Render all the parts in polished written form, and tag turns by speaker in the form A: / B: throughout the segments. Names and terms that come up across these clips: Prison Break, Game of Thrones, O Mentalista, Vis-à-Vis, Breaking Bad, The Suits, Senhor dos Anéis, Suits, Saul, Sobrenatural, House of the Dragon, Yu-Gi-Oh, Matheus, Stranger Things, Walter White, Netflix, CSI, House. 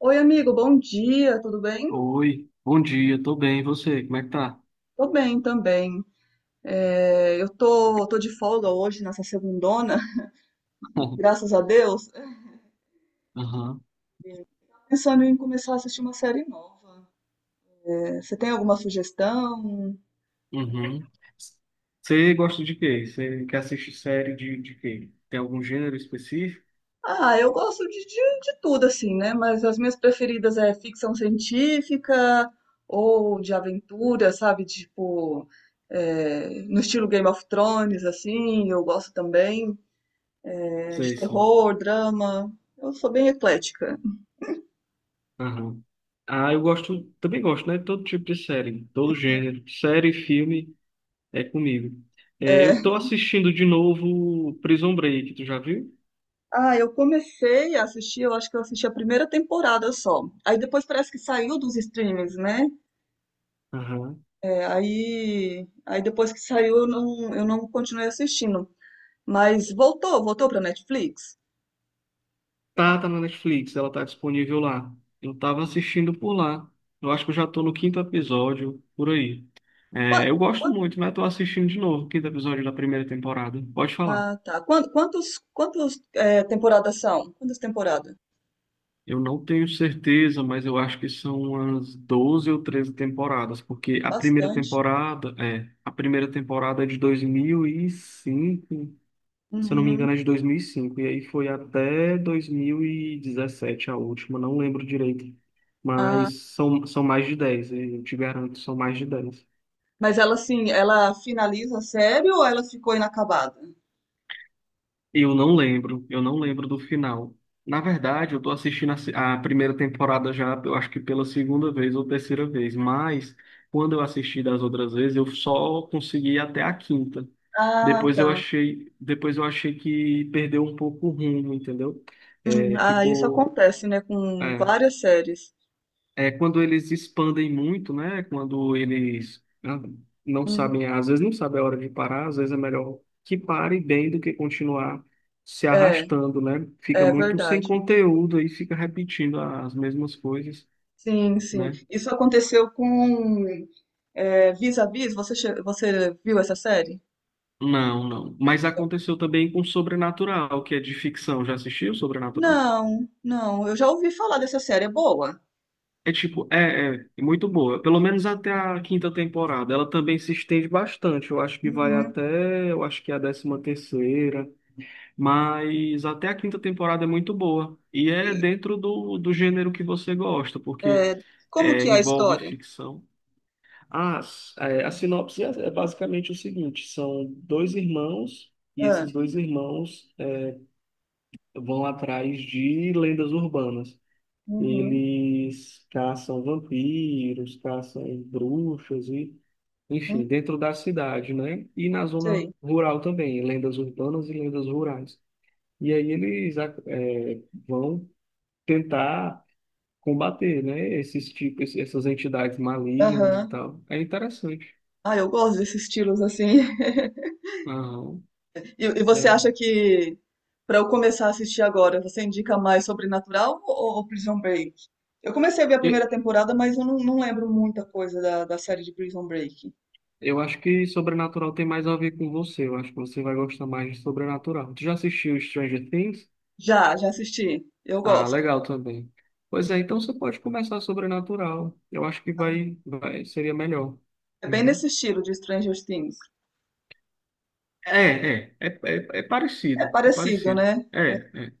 A: Oi, amigo, bom dia, tudo bem?
B: Oi, bom dia, tô bem, e você, como é que tá?
A: Tô bem também. Eu tô de folga hoje, nessa segundona, graças a Deus.
B: Aham,
A: Pensando em começar a assistir uma série nova. Você tem alguma sugestão?
B: uhum. Você gosta de quê? Você quer assistir série de quê? Tem algum gênero específico?
A: Ah, eu gosto de tudo, assim, né? Mas as minhas preferidas é ficção científica ou de aventura, sabe? Tipo, no estilo Game of Thrones, assim, eu gosto também. É, de
B: Sei sim.
A: terror, drama. Eu sou bem eclética.
B: Aham. Ah, eu gosto, também gosto, né? Todo tipo de série, todo gênero. Série, filme, é comigo. É,
A: É,
B: eu tô assistindo de novo Prison Break, tu já viu?
A: Ah, eu comecei a assistir, eu acho que eu assisti a primeira temporada só. Aí depois parece que saiu dos streams, né?
B: Aham.
A: É, aí depois que saiu, eu não continuei assistindo. Mas voltou pra Netflix?
B: Tá na Netflix, ela tá disponível lá. Eu tava assistindo por lá. Eu acho que eu já tô no quinto episódio, por aí. É,
A: Qua-
B: eu gosto
A: qua-
B: muito, mas tô assistindo de novo o quinto episódio da primeira temporada. Pode falar.
A: ah, tá. Temporadas são? Quantas temporadas?
B: Eu não tenho certeza, mas eu acho que são umas 12 ou 13 temporadas, porque
A: Bastante.
B: a primeira temporada é de 2005. Se eu não me
A: Uhum.
B: engano, é de dois mil e cinco e aí foi até 2017 a última, não lembro direito,
A: Ah,
B: mas são, são mais de 10 eu te garanto, são mais de dez.
A: mas ela, assim, ela finaliza a série ou ela ficou inacabada?
B: Eu não lembro do final. Na verdade, eu tô assistindo a, a primeira temporada já, eu acho que pela segunda vez ou terceira vez, mas quando eu assisti das outras vezes, eu só consegui ir até a quinta.
A: Ah, tá.
B: Depois eu achei que perdeu um pouco o rumo, entendeu? É,
A: Ah, isso
B: ficou.
A: acontece, né, com
B: É.
A: várias séries.
B: É quando eles expandem muito, né? Quando eles não
A: Uhum.
B: sabem, às vezes não sabem a hora de parar, às vezes é melhor que pare bem do que continuar se
A: É,
B: arrastando, né? Fica
A: é
B: muito sem
A: verdade.
B: conteúdo e fica repetindo as mesmas coisas,
A: Sim, sim.
B: né?
A: Isso aconteceu com Vis-a-Vis. Você, você viu essa série?
B: Não, não. Mas aconteceu também com Sobrenatural, que é de ficção. Já assistiu Sobrenatural?
A: Não, não. Eu já ouvi falar dessa série. É boa?
B: É tipo, é é muito boa. Pelo menos até a quinta temporada. Ela também se estende bastante.
A: Uhum.
B: Eu acho que é a décima terceira. Mas até a quinta temporada é muito boa. E é
A: E,
B: dentro do gênero que você gosta, porque
A: é, como
B: é,
A: que é a
B: envolve
A: história?
B: ficção. As, é, a sinopse é basicamente o seguinte: são dois irmãos, e
A: Ah,
B: esses dois irmãos é, vão atrás de lendas urbanas.
A: uhum.
B: Eles caçam vampiros, caçam bruxas, e,
A: Hum,
B: enfim, dentro da cidade, né? E na
A: sei.
B: zona rural também, lendas urbanas e lendas rurais. E aí eles vão tentar combater, né, esses tipos, essas entidades malignas e
A: Aham.
B: tal. É interessante.
A: Ah, eu gosto desses estilos assim.
B: Aham,
A: E, e você
B: é.
A: acha que para eu começar a assistir agora, você indica mais Sobrenatural ou Prison Break? Eu comecei a ver a primeira
B: E
A: temporada, mas eu não, não lembro muita coisa da, da série de Prison Break.
B: Eu acho que Sobrenatural tem mais a ver com você. Eu acho que você vai gostar mais de Sobrenatural. Tu já assistiu Stranger Things?
A: Já, já assisti. Eu
B: Ah,
A: gosto.
B: legal também. Pois é, então você pode começar Sobrenatural. Eu acho que seria melhor.
A: É bem
B: Uhum.
A: nesse estilo de Stranger Things.
B: É
A: É
B: parecido, é
A: parecido,
B: parecido.
A: né?
B: É, é.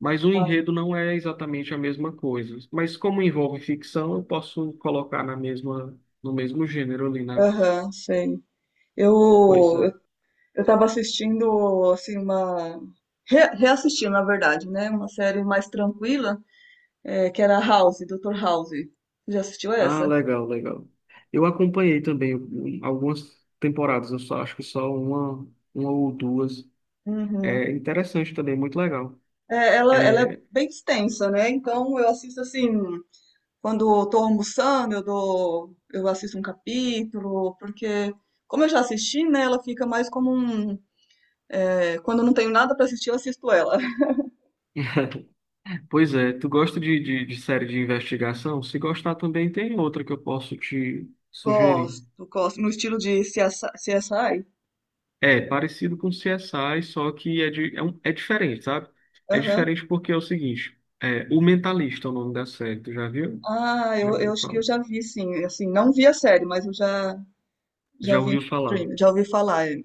B: Mas o enredo não é exatamente a mesma coisa. Mas como envolve ficção, eu posso colocar na mesma, no mesmo gênero ali na
A: Aham, sei. Eu,
B: coisa.
A: eu tava assistindo, assim, uma. Reassistindo, na verdade, né? Uma série mais tranquila, que era House, Doutor House. Já assistiu
B: Ah,
A: essa?
B: legal, legal. Eu acompanhei também um, algumas temporadas, eu só acho que só uma ou duas.
A: Uhum.
B: É interessante também, muito legal.
A: É, ela é
B: É.
A: bem extensa, né? Então eu assisto assim, quando eu tô almoçando, eu assisto um capítulo, porque como eu já assisti, né, ela fica mais como um, quando eu não tenho nada pra assistir, eu assisto ela.
B: Pois é, tu gosta de série de investigação? Se gostar também tem outra que eu posso te sugerir.
A: Gosto, gosto, no estilo de CSI.
B: É parecido com o CSI, só que é, de, é, é diferente, sabe? É
A: Aham.
B: diferente porque é o seguinte, é, O Mentalista é o nome da série, tu já viu?
A: Ah,
B: Já
A: eu
B: ouviu
A: acho que
B: falar?
A: eu já vi, sim. Assim, não vi a série, mas eu já, já
B: Já
A: vi no
B: ouviu falar?
A: stream, já ouvi falar. É.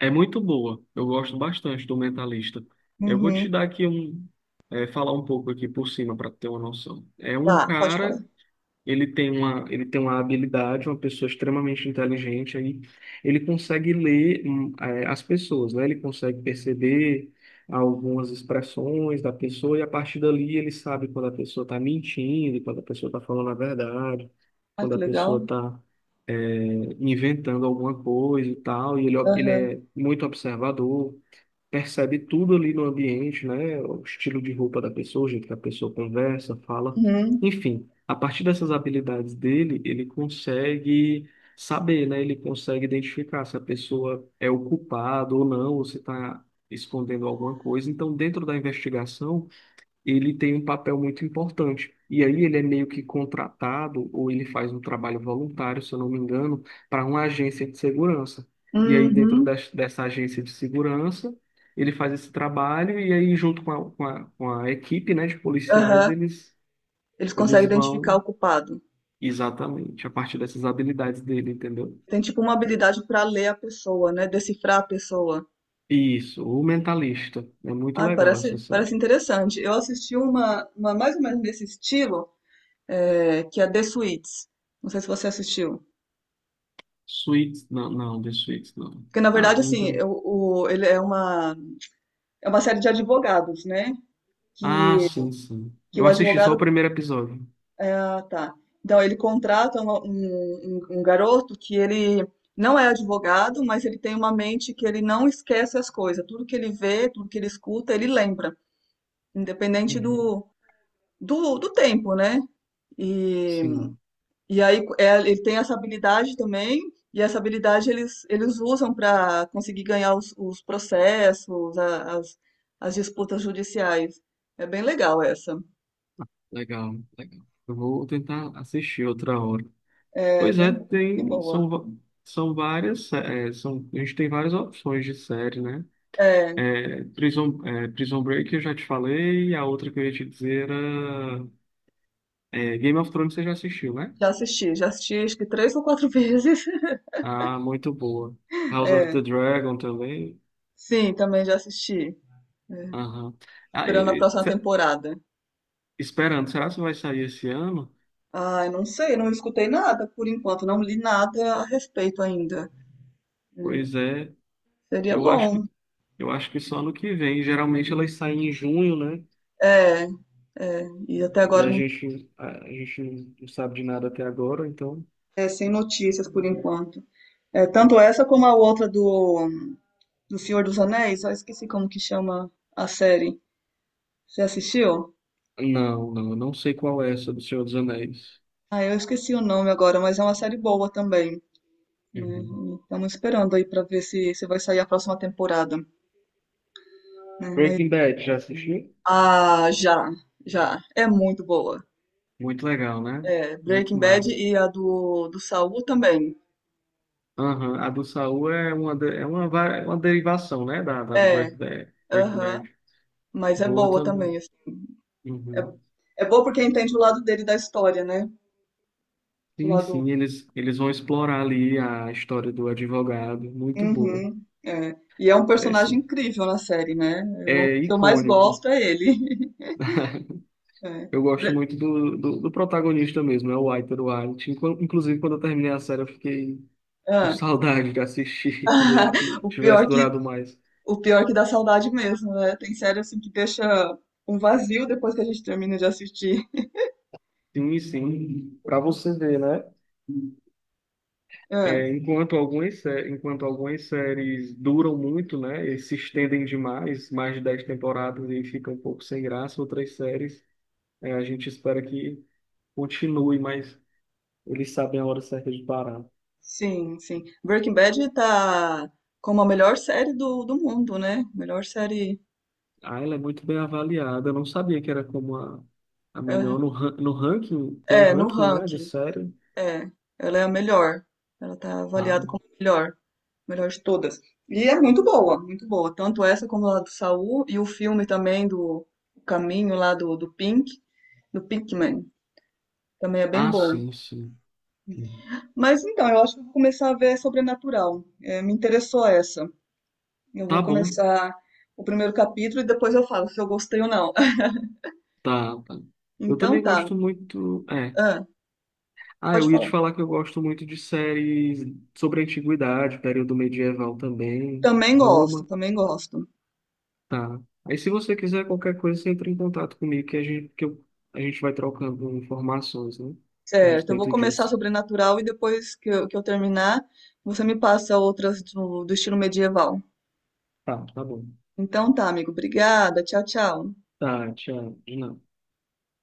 B: É muito boa, eu gosto bastante do Mentalista. Eu vou
A: Uhum.
B: te dar aqui um, é, falar um pouco aqui por cima para ter uma noção. É um
A: Tá, pode falar.
B: cara. Ele tem uma habilidade, uma pessoa extremamente inteligente aí. Ele consegue ler, as pessoas, né? Ele consegue perceber algumas expressões da pessoa e a partir dali ele sabe quando a pessoa está mentindo, quando a pessoa está falando a verdade,
A: Ai,
B: quando
A: que
B: a
A: legal.
B: pessoa está inventando alguma coisa e tal. E ele
A: Aham.
B: é muito observador, percebe tudo ali no ambiente, né? O estilo de roupa da pessoa, o jeito que a pessoa conversa, fala.
A: Uhum.
B: Enfim, a partir dessas habilidades dele, ele consegue saber, né? Ele consegue identificar se a pessoa é o culpado ou não, ou se está escondendo alguma coisa. Então, dentro da investigação, ele tem um papel muito importante. E aí ele é meio que contratado, ou ele faz um trabalho voluntário, se eu não me engano, para uma agência de segurança. E aí dentro
A: Uhum.
B: dessa agência de segurança, ele faz esse trabalho e aí junto com a equipe, né, de policiais,
A: Aham.
B: eles,
A: Eles conseguem
B: eles
A: identificar
B: vão
A: o culpado.
B: exatamente a partir dessas habilidades dele, entendeu?
A: Tem tipo uma habilidade para ler a pessoa, né? Decifrar a pessoa.
B: Isso, o Mentalista. É muito
A: Ai,
B: legal
A: parece,
B: essa
A: parece
B: série.
A: interessante. Eu assisti uma mais ou menos desse estilo, que é The Suits. Não sei se você assistiu.
B: Suits, não, não, The Suits, não.
A: Porque, na
B: Ah,
A: verdade, assim,
B: ainda.
A: ele é uma série de advogados, né?
B: Ah,
A: Que,
B: sim, sim.
A: que
B: Eu
A: o
B: assisti só o
A: advogado.
B: primeiro episódio.
A: É, ah, tá. Então, ele contrata uma- um garoto que ele não é advogado, mas ele tem uma mente que ele não esquece as coisas. Tudo que ele vê, tudo que ele escuta, ele lembra. Independente
B: Uhum.
A: do tempo, né? E,
B: Sim,
A: e aí é, ele tem essa habilidade também, e essa habilidade eles usam para conseguir ganhar os processos, as, as disputas judiciais. É bem legal essa.
B: legal, legal. Eu vou tentar assistir outra hora.
A: É
B: Pois é,
A: bem, bem boa.
B: são várias, é, são, a gente tem várias opções de série, né?
A: É,
B: Prison Break eu já te falei, a outra que eu ia te dizer era é, Game of Thrones você já assistiu, né?
A: já assisti acho que três ou quatro vezes.
B: Ah, muito boa. House of
A: É,
B: the Dragon também.
A: sim, também já assisti. É,
B: Aham. Ah,
A: esperando a próxima temporada.
B: esperando, será que vai sair esse ano?
A: Ai, não sei, não escutei nada por enquanto, não li nada a respeito ainda.
B: Pois é,
A: Seria
B: eu acho que
A: bom.
B: eu acho que só ano que vem. Geralmente elas saem em junho, né?
A: É, é, e até
B: E
A: agora não
B: a gente não sabe de nada até agora, então.
A: é sem notícias por enquanto. É, tanto essa como a outra do, do Senhor dos Anéis, eu esqueci como que chama a série. Você assistiu?
B: Não, não, eu não sei qual é essa do Senhor dos Anéis.
A: Ah, eu esqueci o nome agora, mas é uma série boa também. Né?
B: Uhum.
A: Estamos esperando aí para ver se, se vai sair a próxima temporada. Né? Mas,
B: Breaking Bad, já assistiu?
A: ah, já, já. É muito boa.
B: Muito legal, né?
A: É, Breaking
B: Muito
A: Bad
B: massa.
A: e a do, do Saul também.
B: Aham, a do Saul é uma, é uma, é uma derivação, né? Da do
A: É,
B: Breaking Bad. Breaking
A: aham.
B: Bad.
A: Mas é
B: Boa
A: boa também.
B: também.
A: Assim. É,
B: Uhum.
A: é boa porque entende o lado dele da história, né? O
B: Sim,
A: lado.
B: sim, eles vão explorar ali a história do advogado. Muito boa.
A: Uhum, é. E é um
B: É,
A: personagem
B: sim.
A: incrível na série, né? É um
B: É
A: dos que eu mais
B: icônico.
A: gosto é ele. É.
B: Eu gosto
A: Bre-
B: muito do protagonista mesmo, é o Walter White. Inclusive, quando eu terminei a série, eu fiquei com
A: ah.
B: saudade de assistir, queria que
A: O
B: tivesse
A: pior que,
B: durado mais.
A: o pior que dá saudade mesmo, né? Tem série assim que deixa um vazio depois que a gente termina de assistir.
B: Sim, sim, para você ver, né?
A: É.
B: É, enquanto algumas séries duram muito, né? E se estendem demais, mais de 10 temporadas e fica um pouco sem graça, outras séries, é, a gente espera que continue, mas eles sabem a hora certa de parar.
A: Sim, sim. Breaking Bad tá como a melhor série do, do mundo, né? Melhor série.
B: Ah, ela é muito bem avaliada. Eu não sabia que era como a melhor no, no ranking. Tem um
A: É, no
B: ranking, né, de
A: ranking.
B: série.
A: É. Ela é a melhor. Ela tá
B: Ah,
A: avaliada como a melhor. Melhor de todas. E é muito boa, muito boa. Tanto essa como a do Saul e o filme também do Caminho lá do, do Pink, do Pinkman. Também é bem
B: ah,
A: bom.
B: sim, sim. Uhum.
A: Mas então, eu acho que eu vou começar a ver Sobrenatural. É, me interessou essa. Eu
B: Tá
A: vou
B: bom,
A: começar o primeiro capítulo e depois eu falo se eu gostei ou não.
B: tá, tá. Eu
A: Então
B: também
A: tá.
B: gosto muito. É.
A: Ah,
B: Ah,
A: pode
B: eu ia te
A: falar.
B: falar que eu gosto muito de séries sobre a antiguidade, período medieval também,
A: Também gosto,
B: Roma,
A: também gosto.
B: tá. Aí se você quiser qualquer coisa, você entra em contato comigo que a gente vai trocando informações, né, a
A: Certo, eu vou
B: respeito
A: começar
B: disso.
A: Sobrenatural e depois que eu terminar, você me passa outras do do estilo medieval.
B: Tá, tá bom.
A: Então tá, amigo. Obrigada. Tchau, tchau.
B: Tá, tchau, de nada.